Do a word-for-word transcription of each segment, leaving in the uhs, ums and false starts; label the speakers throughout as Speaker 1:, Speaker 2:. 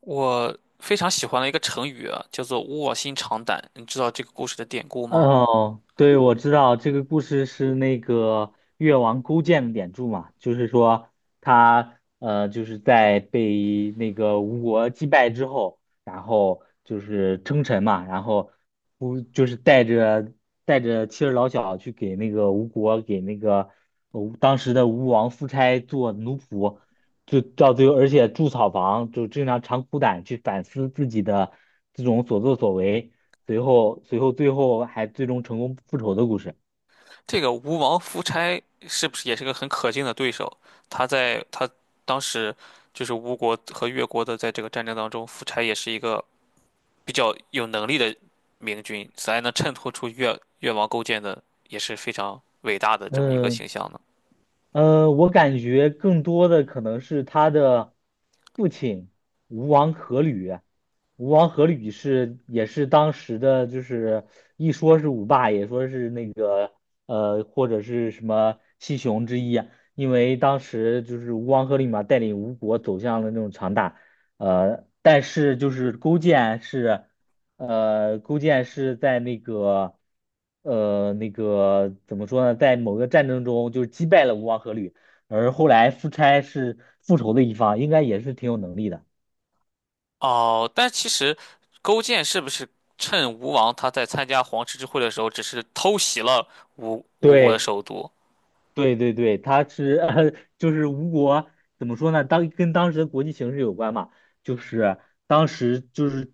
Speaker 1: 我非常喜欢的一个成语啊，叫做"卧薪尝胆"。你知道这个故事的典故吗？
Speaker 2: 哦，对，我知道这个故事是那个越王勾践的典注嘛，就是说他呃就是在被那个吴国击败之后，然后就是称臣嘛，然后不就是带着带着妻儿老小去给那个吴国给那个吴当时的吴王夫差做奴仆，就到最后而且筑草房，就经常长苦胆去反思自己的这种所作所为。随后随后最后还最终成功复仇的故事。
Speaker 1: 这个吴王夫差是不是也是个很可敬的对手？他在他当时就是吴国和越国的在这个战争当中，夫差也是一个比较有能力的明君，才能衬托出越越王勾践的也是非常伟大的这么一个形
Speaker 2: 嗯
Speaker 1: 象呢。
Speaker 2: 呃，我感觉更多的可能是他的父亲吴王阖闾，吴王阖闾是也是当时的，就是一说是五霸，也说是那个呃或者是什么七雄之一啊，因为当时就是吴王阖闾嘛，带领吴国走向了那种强大。呃，但是就是勾践是。呃，勾践是在那个，呃，那个怎么说呢，在某个战争中就是击败了吴王阖闾，而后来夫差是复仇的一方，应该也是挺有能力的。
Speaker 1: 哦，但其实勾践是不是趁吴王他在参加黄池之会的时候，只是偷袭了吴吴国的
Speaker 2: 对。
Speaker 1: 首都？
Speaker 2: 对对对，他是 呃，就是吴国怎么说呢？当跟当时的国际形势有关嘛，就是当时就是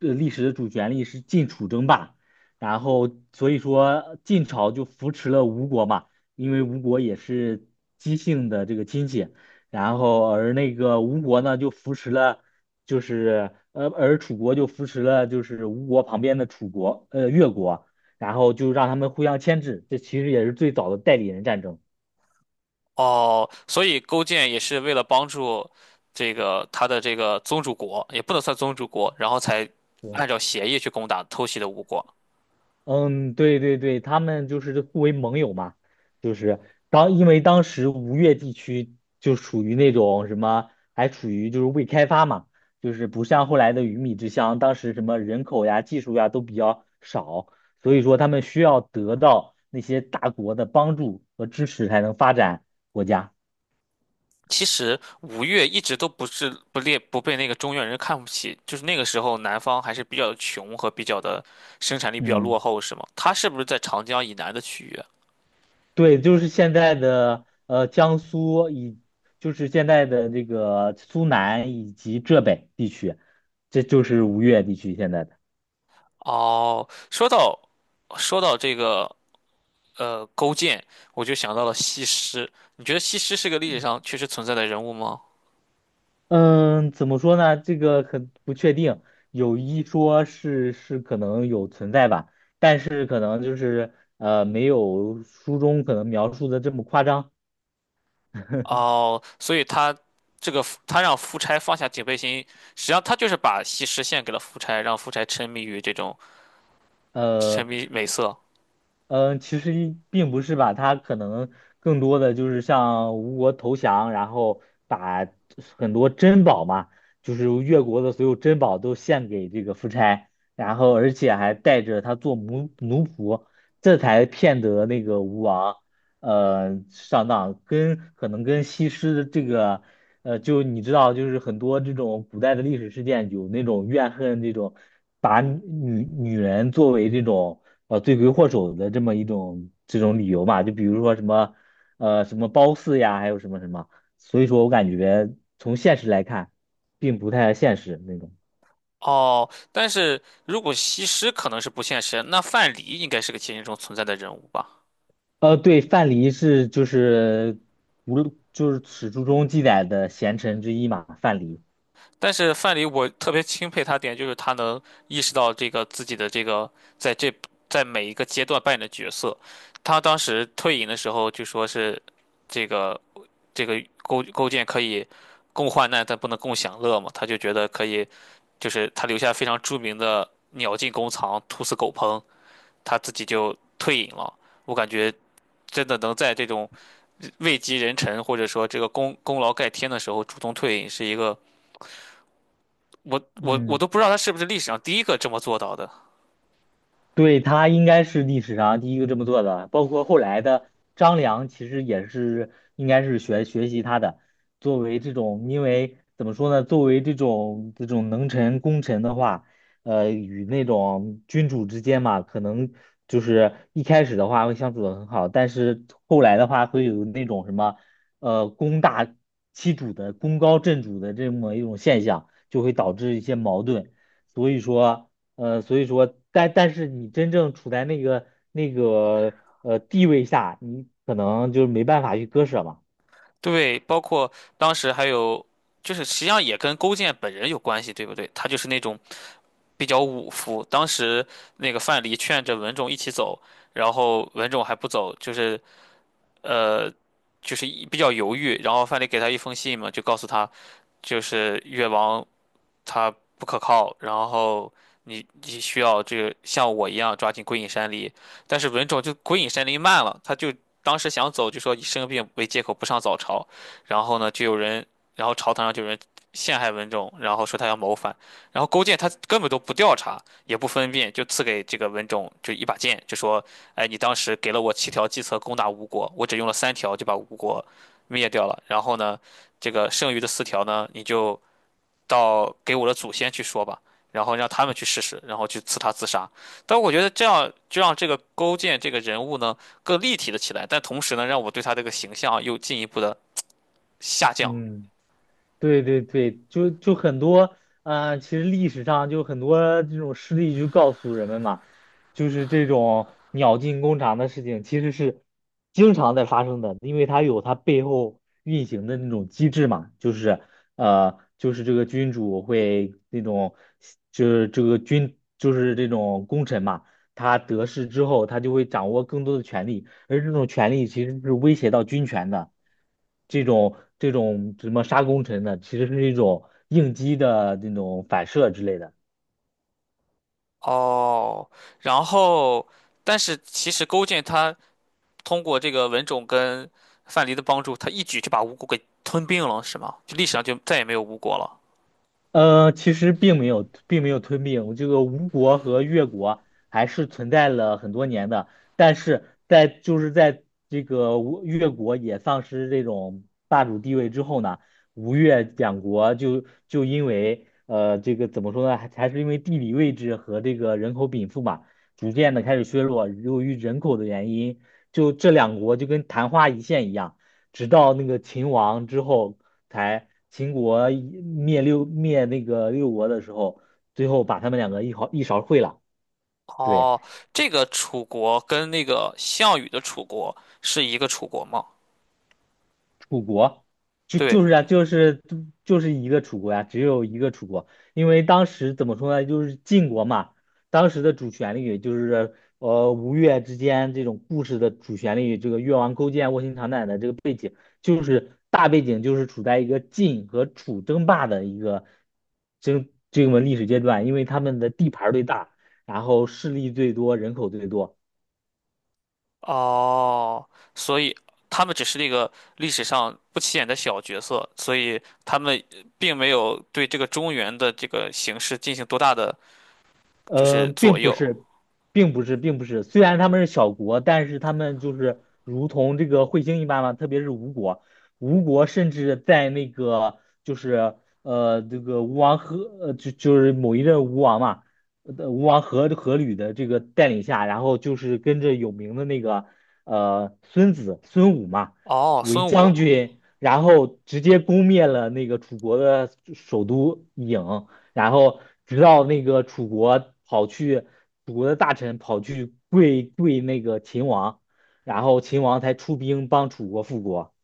Speaker 2: 呃历史的主旋律是晋楚争霸，然后所以说晋朝就扶持了吴国嘛，因为吴国也是姬姓的这个亲戚，然后而那个吴国呢就扶持了，就是呃而楚国就扶持了就是吴国旁边的楚国呃越国，然后就让他们互相牵制，这其实也是最早的代理人战争。
Speaker 1: 哦，所以勾践也是为了帮助这个他的这个宗主国，也不能算宗主国，然后才
Speaker 2: 对，
Speaker 1: 按照协议去攻打偷袭的吴国。
Speaker 2: 嗯，对对对，他们就是互为盟友嘛，就是当因为当时吴越地区就属于那种什么，还处于就是未开发嘛，就是不像后来的鱼米之乡，当时什么人口呀、技术呀都比较少，所以说他们需要得到那些大国的帮助和支持才能发展国家。
Speaker 1: 其实吴越一直都不是不列不被那个中原人看不起，就是那个时候南方还是比较穷和比较的生产力比较落
Speaker 2: 嗯。
Speaker 1: 后，是吗？他是不是在长江以南的区域？
Speaker 2: 对，就是现在的呃江苏以，就是现在的这个苏南以及浙北地区，这就是吴越地区现在的。
Speaker 1: 哦，说到说到这个呃勾践，我就想到了西施。你觉得西施是个历史上确实存在的人物吗？
Speaker 2: 嗯，怎么说呢？这个很不确定，有一说是是可能有存在吧，但是可能就是呃没有书中可能描述的这么夸张。
Speaker 1: 哦，所以他这个夫他让夫差放下警备心，实际上他就是把西施献给了夫差，让夫差沉迷于这种
Speaker 2: 呃，
Speaker 1: 沉迷美色。
Speaker 2: 嗯，其实一并不是吧，他可能更多的就是向吴国投降，然后把很多珍宝嘛，就是越国的所有珍宝都献给这个夫差，然后而且还带着他做奴奴仆，这才骗得那个吴王，呃，上当，跟可能跟西施的这个，呃，就你知道，就是很多这种古代的历史事件有那种怨恨这种，把女女人作为这种。呃罪魁祸首的这么一种这种理由嘛，就比如说什么呃什么褒姒呀，还有什么什么，所以说我感觉从现实来看，并不太现实那种。
Speaker 1: 哦，但是如果西施可能是不现实，那范蠡应该是个现实中存在的人物吧？
Speaker 2: 呃，对，范蠡是就是无论就是史书中记载的贤臣之一嘛，范蠡。
Speaker 1: 但是范蠡，我特别钦佩他点就是他能意识到这个自己的这个在这在每一个阶段扮演的角色。他当时退隐的时候就说是这个这个勾勾践可以共患难，但不能共享乐嘛。他就觉得可以，就是他留下非常著名的"鸟尽弓藏，兔死狗烹"，他自己就退隐了。我感觉真的能在这种位极人臣或者说这个功功劳盖天的时候主动退隐，是一个。我我我
Speaker 2: 嗯。
Speaker 1: 都不知道他是不是历史上第一个这么做到的。
Speaker 2: 对，他应该是历史上第一个这么做的，包括后来的张良，其实也是应该是学学习他的。作为这种，因为怎么说呢，作为这种这种能臣功臣的话，呃，与那种君主之间嘛，可能就是一开始的话会相处的很好，但是后来的话会有那种什么，呃，功大欺主的功高震主的这么一种现象，就会导致一些矛盾。所以说。呃，所以说，但但是你真正处在那个那个呃地位下，你可能就是没办法去割舍嘛。
Speaker 1: 对，包括当时还有，就是实际上也跟勾践本人有关系，对不对？他就是那种比较武夫。当时那个范蠡劝着文种一起走，然后文种还不走，就是呃，就是一比较犹豫。然后范蠡给他一封信嘛，就告诉他，就是越王他不可靠，然后你你需要这个像我一样抓紧归隐山林，但是文种就归隐山林慢了，他就当时想走就说以生病为借口不上早朝，然后呢就有人，然后朝堂上就有人陷害文种，然后说他要谋反，然后勾践他根本都不调查也不分辨，就赐给这个文种就一把剑，就说，哎你当时给了我七条计策攻打吴国，我只用了三条就把吴国灭掉了，然后呢这个剩余的四条呢你就。到给我的祖先去说吧，然后让他们去试试，然后去刺他自杀。但我觉得这样就让这个勾践这个人物呢更立体了起来，但同时呢，让我对他这个形象啊又进一步的下降。
Speaker 2: 嗯。对对对，就就很多，呃，其实历史上就很多这种事例就告诉人们嘛，就是这种鸟尽弓藏的事情，其实是经常在发生的，因为它有它背后运行的那种机制嘛，就是呃，就是这个君主会那种，就是这个君就是这种功臣嘛，他得势之后，他就会掌握更多的权力。而这种权利其实是威胁到军权的，这种这种什么杀功臣的，其实是一种应激的那种反射之类的。
Speaker 1: 哦，然后，但是其实勾践他通过这个文种跟范蠡的帮助，他一举就把吴国给吞并了，是吗？就历史上就再也没有吴国了。
Speaker 2: 呃，其实并没有，并没有吞并这个吴国和越国还是存在了很多年的，但是在就是在这个吴越国也丧失这种霸主地位之后呢，吴越两国就就因为呃这个怎么说呢，还还是因为地理位置和这个人口禀赋嘛，逐渐的开始削弱，由于人口的原因，就这两国就跟昙花一现一样。直到那个秦王之后，才秦国一灭六灭那个六国的时候，最后把他们两个一毫一勺烩了。对，
Speaker 1: 哦，这个楚国跟那个项羽的楚国是一个楚国吗？
Speaker 2: 楚国就
Speaker 1: 对，
Speaker 2: 就是啊，就是就是一个楚国呀、只有一个楚国，因为当时怎么说呢，就是晋国嘛，当时的主旋律就是呃吴越之间这种故事的主旋律，这个越王勾践卧薪尝胆的这个。就是大背景就是处在一个晋和楚争霸的一个争这个历史阶段，因为他们的地盘儿最大，然后势力最多，人口最多。
Speaker 1: 哦，所以他们只是那个历史上不起眼的小角色，所以他们并没有对这个中原的这个形势进行多大的就是
Speaker 2: 嗯，
Speaker 1: 左
Speaker 2: 并不
Speaker 1: 右。
Speaker 2: 是，并不是，并不是。虽然他们是小国，但是他们就是如同这个彗星一般嘛，特别是吴国，吴国甚至在那个就是呃这个吴王阖呃就就是某一任吴王嘛，呃吴王阖阖闾的这个带领下，然后就是跟着有名的那个呃孙子孙武嘛
Speaker 1: 哦，
Speaker 2: 为
Speaker 1: 孙武。
Speaker 2: 将军，然后直接攻灭了那个楚国的首都郢。然后直到那个楚国跑去，楚国的大臣跑去跪跪那个秦王，然后秦王才出兵帮楚国复国。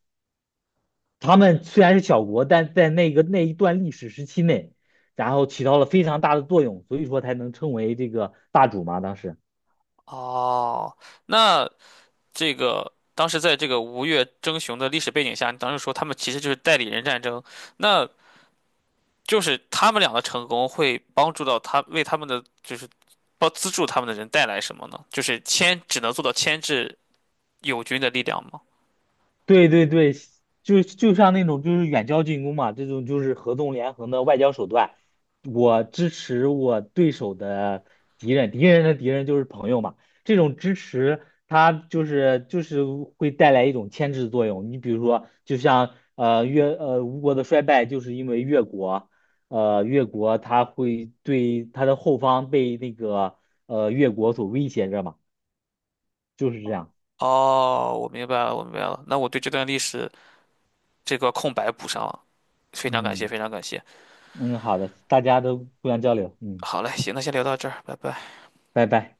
Speaker 2: 他们虽然是小国，但在那个那一段历史时期内，然后起到了非常大的作用，所以说才能称为这个霸主嘛，当时。
Speaker 1: 哦，那这个当时在这个吴越争雄的历史背景下，你当时说他们其实就是代理人战争，那就是他们俩的成功会帮助到他，为他们的就是帮资助他们的人带来什么呢？就是牵只能做到牵制友军的力量吗？
Speaker 2: 对对对，就就像那种就是远交近攻嘛，这种就是合纵连横的外交手段。我支持我对手的敌人，敌人的敌人就是朋友嘛。这种支持，它就是就是会带来一种牵制作用。你比如说，就像呃越呃吴国的衰败，就是因为越国，呃越国它会对它的后方被那个呃越国所威胁着嘛，就是这样。
Speaker 1: 哦，我明白了，我明白了。那我对这段历史这个空白补上了，非常感谢，
Speaker 2: 嗯
Speaker 1: 非常感谢。
Speaker 2: 嗯，好的，大家都互相交流，嗯。
Speaker 1: 好嘞，行，那先聊到这儿，拜拜。
Speaker 2: 拜拜